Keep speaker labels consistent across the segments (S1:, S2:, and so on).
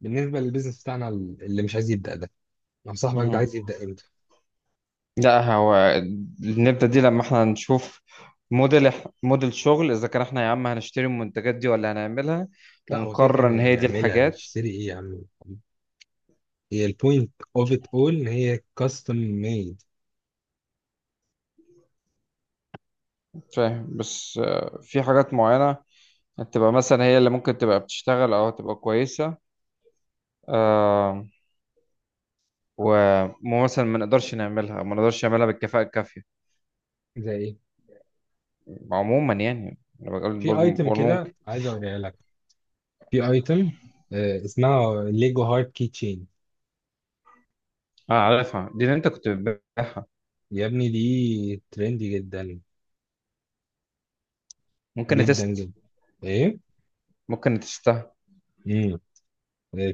S1: بالنسبه للبيزنس بتاعنا اللي مش عايز يبدا ده. لو صاحبك ده
S2: مهم.
S1: عايز يبدا امتى؟
S2: لا هو نبدأ دي لما احنا نشوف موديل شغل، اذا كان احنا يا عم هنشتري المنتجات دي ولا هنعملها
S1: لا هو كده كده
S2: ونقرر
S1: يعني
S2: ان هي دي
S1: نعملها
S2: الحاجات.
S1: نشتري ايه يا عم؟ هي البوينت اوف ات اول ان هي كاستم ميد.
S2: فاهم، بس آه، في حاجات معينة تبقى مثلا هي اللي ممكن تبقى بتشتغل او تبقى كويسة. آه، ومثلا ما نقدرش نعملها او ما نقدرش نعملها بالكفاءة الكافية.
S1: زي ايه؟
S2: عموما يعني انا
S1: في ايتم
S2: بقول
S1: كده
S2: ممكن.
S1: عايز اوريها لك، في ايتم اسمها ليجو هارت كي تشين.
S2: اه، عارفها، دي اللي انت كنت بتبيعها.
S1: يا ابني دي ترندي جدا
S2: ممكن
S1: جدا
S2: تست
S1: جدا. ايه؟
S2: ممكن تستها.
S1: امم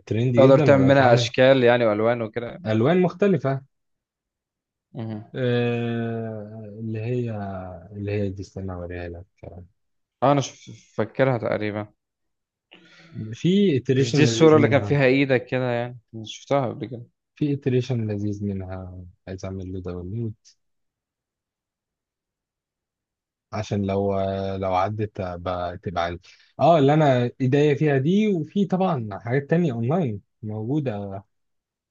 S1: ترندي
S2: تقدر
S1: جدا
S2: تعمل
S1: ولو
S2: منها
S1: اتعمل
S2: اشكال يعني والوان وكده.
S1: الوان مختلفه.
S2: مهم.
S1: آه، اللي هي، دي استنى اوريها لك.
S2: اه، فاكرها تقريبا.
S1: في
S2: مش
S1: iteration
S2: دي الصورة
S1: لذيذ
S2: اللي كان
S1: منها،
S2: فيها ايدك كده؟ يعني أنا شفتها قبل كده.
S1: في iteration لذيذ منها عايز اعمل له داونلود، عشان لو، لو عدت تبقى عندي. اه، اللي انا ايديا فيها دي، وفي طبعا حاجات تانية اونلاين موجودة.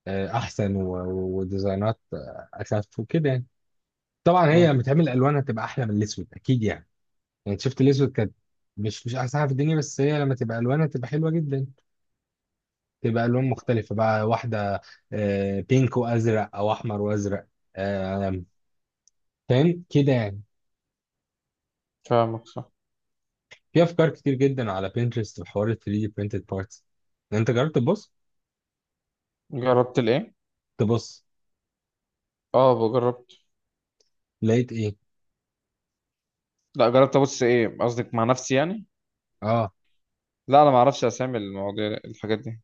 S1: آه، احسن وديزاينات آه، اخف وكده يعني. طبعا هي
S2: مم.
S1: لما تعمل الوانها تبقى احلى من الاسود اكيد يعني. يعني شفت الاسود كانت مش احسن حاجه في الدنيا، بس هي لما تبقى الوانها تبقى حلوه جدا. تبقى الوان مختلفه بقى، واحده آه، بينك وازرق او احمر وازرق آه، فاهم كده يعني.
S2: فاهمك، صح.
S1: في افكار كتير جدا على بينترست بحوار ال 3 دي printed parts. انت جربت تبص؟
S2: جربت الايه؟
S1: تبص.
S2: اه، جربت.
S1: لقيت ايه؟
S2: لا، جربت ابص ايه؟ قصدك مع نفسي يعني؟
S1: اه.
S2: لا، انا ما اعرفش اسامي المواضيع الحاجات دي.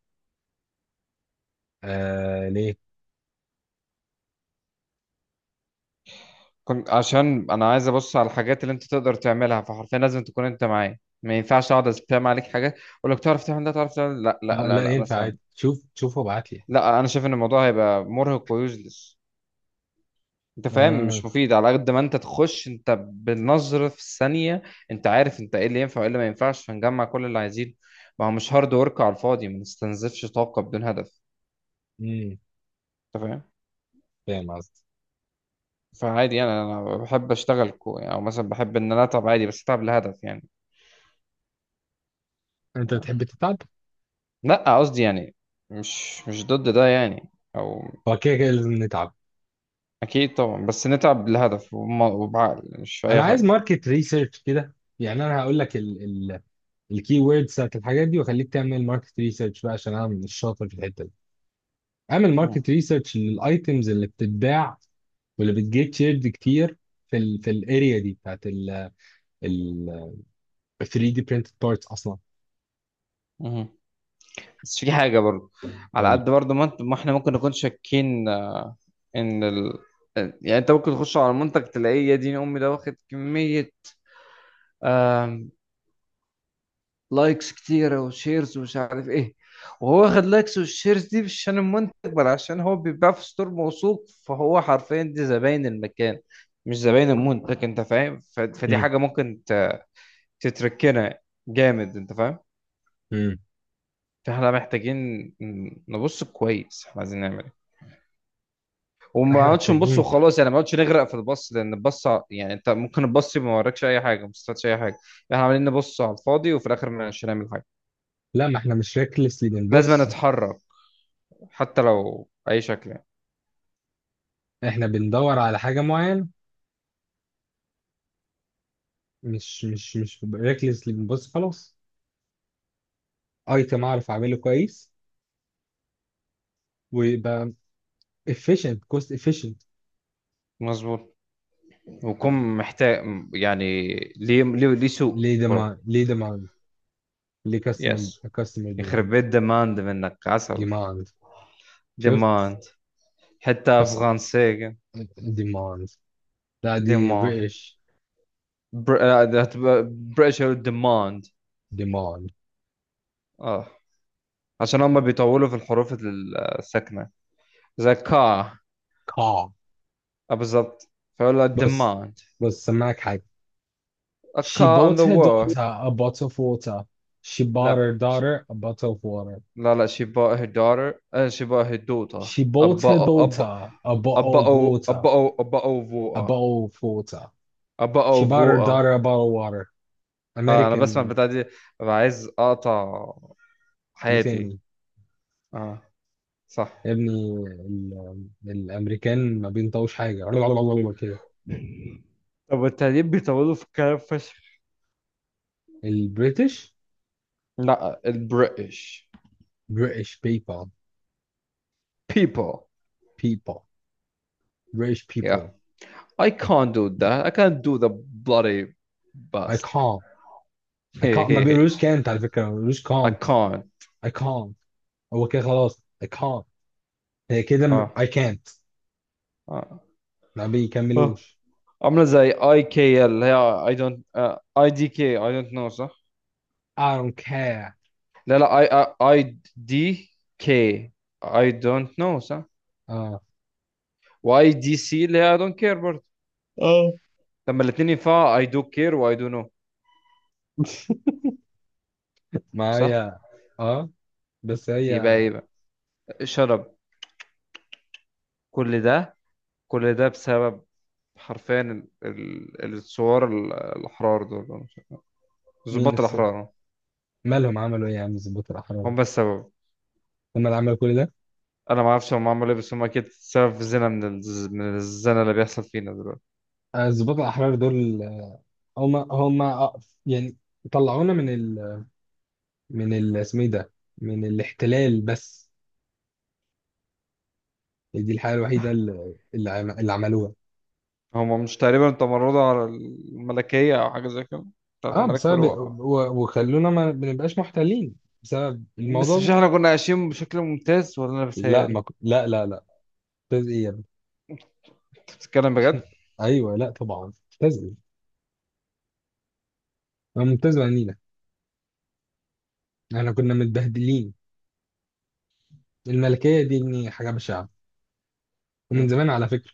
S1: آه ليه؟
S2: كنت عشان انا عايز ابص على الحاجات اللي انت تقدر تعملها، فحرفيا لازم تكون انت معايا، ما ينفعش اقعد اسبام عليك حاجات اقول لك تعرف تعمل ده تعرف تعمل ده. لا لا
S1: آه،
S2: لا
S1: لا
S2: لا
S1: ينفع
S2: مثلا.
S1: عادي، شوف وابعت لي.
S2: لا انا شايف ان الموضوع هيبقى مرهق ويوزلس. انت فاهم؟
S1: اه.
S2: مش مفيد على قد ما انت تخش انت بالنظر في الثانية. انت عارف انت ايه اللي ينفع وايه اللي ما ينفعش، فنجمع كل اللي عايزينه. ما هو مش هارد ورك على الفاضي، ما نستنزفش طاقة بدون هدف.
S1: امم.
S2: انت فاهم؟
S1: فاهم قصدي.
S2: فعادي يعني، انا بحب اشتغل كو يعني، او مثلا بحب ان انا اتعب عادي، بس اتعب لهدف يعني.
S1: انت بتحب تتعب؟
S2: لا قصدي يعني مش ضد ده يعني. او
S1: هو كده كده لازم نتعب.
S2: اكيد طبعا، بس نتعب لهدف وبعقل، مش في
S1: انا
S2: اي
S1: عايز
S2: حاجة.
S1: ماركت ريسيرش كده، يعني انا هقول لك الكي ووردز بتاعت الحاجات دي واخليك تعمل ماركت ريسيرش بقى، عشان انا مش شاطر في الحته دي. اعمل
S2: مم.
S1: ماركت ريسيرش للايتمز اللي بتتباع، واللي بتجيت شيرد كتير في ال في الاريا دي بتاعت ال 3 دي printed parts اصلا.
S2: مم. بس في حاجة برضه، على
S1: قول.
S2: قد برضه ما احنا ممكن نكون شاكين ان ال... يعني انت ممكن تخش على المنتج تلاقيه يا دين امي ده واخد كمية، آم، لايكس كتيرة وشيرز ومش عارف ايه، وهو واخد لايكس والشيرز دي مش عشان المنتج، بل عشان هو بيتباع في ستور موثوق، فهو حرفيا دي زباين المكان مش زباين المنتج. انت فاهم؟ ف... فدي
S1: امم.
S2: حاجة ممكن ت... تتركنا جامد. انت فاهم؟
S1: امم.
S2: فاحنا محتاجين نبص كويس احنا عايزين نعمل ايه، وما
S1: احنا
S2: نقعدش نبص
S1: محتاجين.
S2: وخلاص يعني، ما نقعدش نغرق في البص، لان يعني انت ممكن البص ما وراكش اي حاجه، ما استفادش اي حاجه. احنا عمالين نبص على الفاضي وفي الاخر مش هنعمل حاجه.
S1: لا، ما احنا مش ريكلسلي
S2: لازم
S1: بنبص،
S2: نتحرك، حتى لو باي شكل يعني.
S1: احنا بندور على حاجه معينه، مش ريكلسلي بنبص خلاص. ايتم اعرف اعمله كويس، ويبقى efficient, cost efficient.
S2: مظبوط. ويكون محتاج، يعني ليه سوق
S1: ليه demand؟
S2: برضه.
S1: ليه demand؟ ليه customer؟
S2: يس.
S1: customer
S2: يخرب
S1: demand.
S2: بيت ديماند منك، عسل.
S1: demand. شفت؟
S2: ديماند، حتى
S1: كاست.
S2: فرنسية.
S1: demand. لا دي
S2: ديماند.
S1: بريتش.
S2: آه، ده هتبقى بريتش ديماند.
S1: ديمون.
S2: اه، عشان هم بيطولوا في الحروف الساكنه. ذكاء.
S1: كا.
S2: آه، بالضبط. فلا
S1: بس،
S2: الدماء.
S1: بس سمعك حاجة.
S2: A
S1: She
S2: car on
S1: bought
S2: the
S1: her daughter
S2: wall.
S1: a bottle of water. She bought her
S2: لا
S1: daughter a bottle of water.
S2: لا لا she bought her daughter، آه, she bought her daughter
S1: She
S2: a
S1: bought her
S2: bo- a bo-
S1: daughter a bottle of water.
S2: a bottle of
S1: A
S2: water.
S1: bottle of water.
S2: A bottle
S1: She
S2: of
S1: bought her
S2: water.
S1: daughter a bottle of water.
S2: آه، أنا بسمع
S1: American.
S2: البتاع دي ببقى عايز أقطع حياتي.
S1: لتاني.
S2: آه، صح.
S1: يا ابني الأمريكان ما بينطوش حاجة. كده.
S2: طب والتعليم بيطولوا في الكلام فشخ.
S1: البريتش.
S2: لا، البريتش.
S1: British people.
S2: People.
S1: people. British
S2: Yeah,
S1: people.
S2: I can't do that, I can't do the bloody
S1: I
S2: bust.
S1: can't. I can't. ما بيقولوش can't، على فكرة ما بيقولوش
S2: I
S1: can't.
S2: can't.
S1: I can't. هو كده خلاص I can't. هي كده
S2: آه.
S1: I can't.
S2: آه.
S1: ما
S2: آه.
S1: بيكملوش.
S2: عامله زي اي كي اللي هي اي دونت. اي دي كي، اي دونت نو، صح.
S1: I don't care.
S2: لا لا، اي اي دي كي، اي دونت نو، صح.
S1: اه.
S2: واي دي سي اللي هي اي دونت كير برضه.
S1: اه.
S2: لما الاثنين ينفعوا، اي دو كير واي دو نو.
S1: ما
S2: صح.
S1: هي. اه. بس هي.
S2: يبقى ايه بقى؟ شرب. كل ده، كل ده بسبب حرفيا الثوار الاحرار دول، أنا مش عارف.
S1: مين
S2: ضباط
S1: السبب؟
S2: الاحرار، آه.
S1: مالهم عملوا ايه يا عم الضباط الاحرار؟
S2: هم السبب.
S1: هم اللي عملوا كل ده.
S2: انا ما اعرفش هم عملوا ايه، بس هم اكيد سبب في زنا من الزنا اللي بيحصل فينا دلوقتي.
S1: آه، الضباط الاحرار دول آه، هم آه، يعني طلعونا من ال، اسمه ايه ده، من الاحتلال بس. دي الحاجة الوحيدة اللي اللي عملوها.
S2: هما مش تقريبا تمردوا على الملكية أو حاجة زي كده، بتاعت
S1: اه
S2: الملك
S1: بسبب،
S2: فاروق؟
S1: وخلونا ما بنبقاش محتلين بسبب
S2: بس
S1: الموضوع
S2: مش
S1: ده.
S2: احنا كنا عايشين بشكل ممتاز، ولا أنا
S1: لا
S2: بتهيألي؟
S1: ما ك... لا لا لا ممتاز ايه يا ابني؟
S2: أنت بتتكلم بجد؟
S1: ايوه لا طبعا. ممتاز ايه؟ أنا ممتاز بعنينا؟ احنا كنا متبهدلين. الملكيه دي ابني حاجه بشعه، ومن
S2: مم.
S1: زمان على فكره.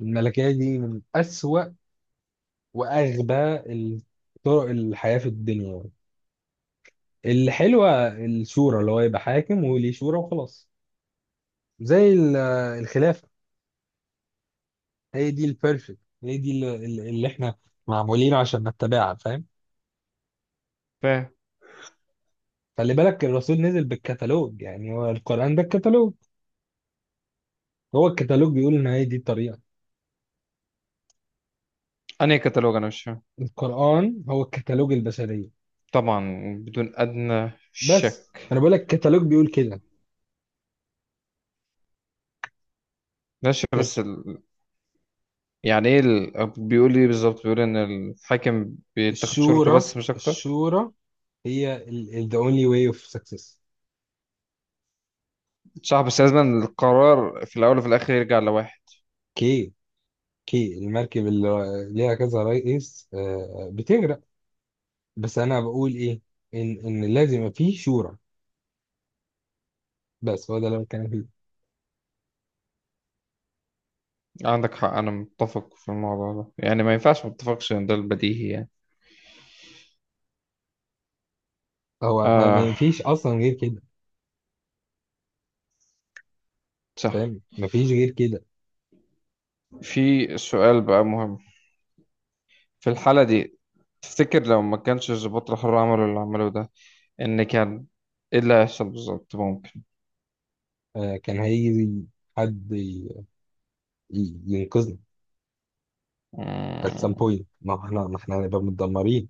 S1: الملكيه دي من اسوأ واغبى طرق الحياه في الدنيا يعني. الحلوه الشورى، اللي هو يبقى حاكم وليه شورى وخلاص. زي الخلافه. هي دي البيرفكت، هي دي اللي، اللي احنا معمولين عشان نتبعها. فاهم؟
S2: فاهم.
S1: خلي بالك الرسول نزل بالكتالوج، يعني هو القرآن ده الكتالوج. هو الكتالوج بيقول ان هي دي الطريقة.
S2: أنهي كتالوج؟ أنا مش فاهم.
S1: القرآن هو الكتالوج البشرية.
S2: طبعا، بدون أدنى
S1: بس
S2: شك.
S1: انا بقول لك الكتالوج بيقول كده.
S2: ماشي،
S1: كانت
S2: بس ال... يعني إيه ال... بيقول إيه بالظبط؟ بيقول إن الحاكم بيتاخد شرطه
S1: الشورى،
S2: بس مش أكتر؟
S1: الشورى هي the only way of success.
S2: صح، بس لازم القرار في الأول وفي الآخر يرجع لواحد.
S1: كي، كي المركب اللي ليها كذا رئيس آه، آه، بتغرق. بس انا بقول ايه، ان لازم يبقى فيه شورى. بس هو ده اللي أنا بتكلم فيه.
S2: عندك حق، أنا متفق في الموضوع ده يعني، ما ينفعش ما اتفقش، إن ده البديهي يعني.
S1: هو ما
S2: آه،
S1: ما فيش اصلا غير كده،
S2: صح.
S1: فاهم؟ ما فيش غير كده.
S2: في سؤال بقى مهم في الحالة دي. تفتكر لو ما كانش الضباط الحر عملوا اللي عملوه ده، إن كان إيه اللي هيحصل بالظبط؟ ممكن.
S1: آه، كان هيجي حد ينقذنا at some
S2: مم.
S1: point. ما احنا هنبقى متدمرين.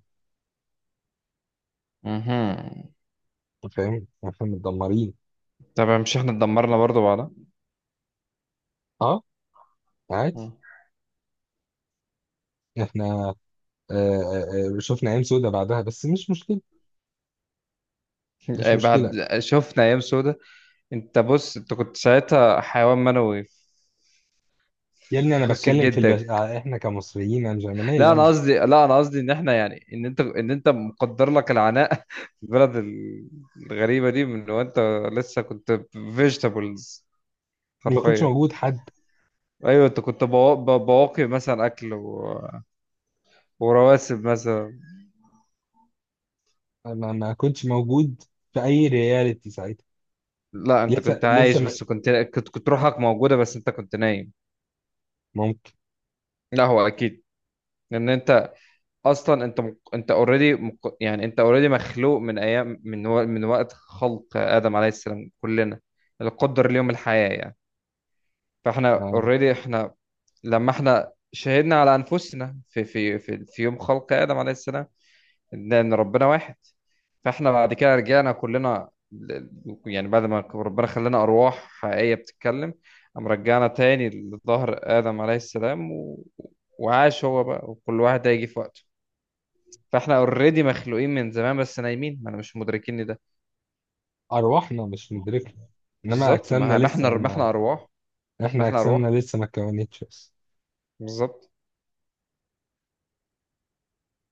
S2: مهم.
S1: أنت فاهم؟ احنا متدمرين.
S2: طبعا، مش إحنا اتدمرنا برضه بعدها.
S1: اه عادي.
S2: مم.
S1: احنا آه آه آه، شفنا ايام سودة بعدها بس مش مشكله، مش
S2: أي
S1: مشكله.
S2: بعد شفنا أيام سودة. أنت بص، أنت كنت ساعتها حيوان منوي
S1: يا ابني
S2: في
S1: انا
S2: خصية
S1: بتكلم في
S2: جدك.
S1: آه، احنا كمصريين، انا مش، انا
S2: لا
S1: مالي
S2: أنا
S1: انا،
S2: قصدي، لا أنا قصدي إن إحنا يعني، إن أنت، إن أنت مقدر لك العناء في البلد الغريبة دي من وأنت لسه كنت فيجيتابلز
S1: ما كنتش
S2: حرفيا.
S1: موجود حد.
S2: ايوه، انت كنت بواقي مثلا اكل و... ورواسب مثلا.
S1: ما كنتش موجود في اي رياليتي ساعتها.
S2: لا، انت
S1: لسه
S2: كنت
S1: لسه
S2: عايش،
S1: ما...
S2: بس كنت روحك موجوده، بس انت كنت نايم.
S1: ممكن.
S2: لا، هو اكيد. لان انت اصلا انت انت اوريدي يعني انت اوريدي مخلوق من ايام، من و... من وقت خلق ادم عليه السلام. كلنا القدر ليوم الحياه يعني. فاحنا
S1: آه،
S2: اوريدي احنا لما احنا شهدنا على انفسنا في يوم خلق ادم عليه السلام، لأن ربنا واحد. فاحنا بعد كده رجعنا كلنا ل- يعني بعد ما ربنا خلانا أرواح حقيقية بتتكلم، قام رجعنا تاني لظهر آدم عليه السلام و... وعاش هو بقى، وكل واحد هيجي في وقته. فاحنا اوريدي مخلوقين من زمان، بس نايمين، ما انا مش مدركين ده.
S1: ارواحنا مش مدركه، انما
S2: بالظبط.
S1: اجسامنا
S2: ما ما
S1: لسه،
S2: احنا
S1: ما
S2: أرواح. ما
S1: احنا
S2: احنا
S1: اجسامنا
S2: أرواح.
S1: لسه ما اتكونتش.
S2: بالظبط.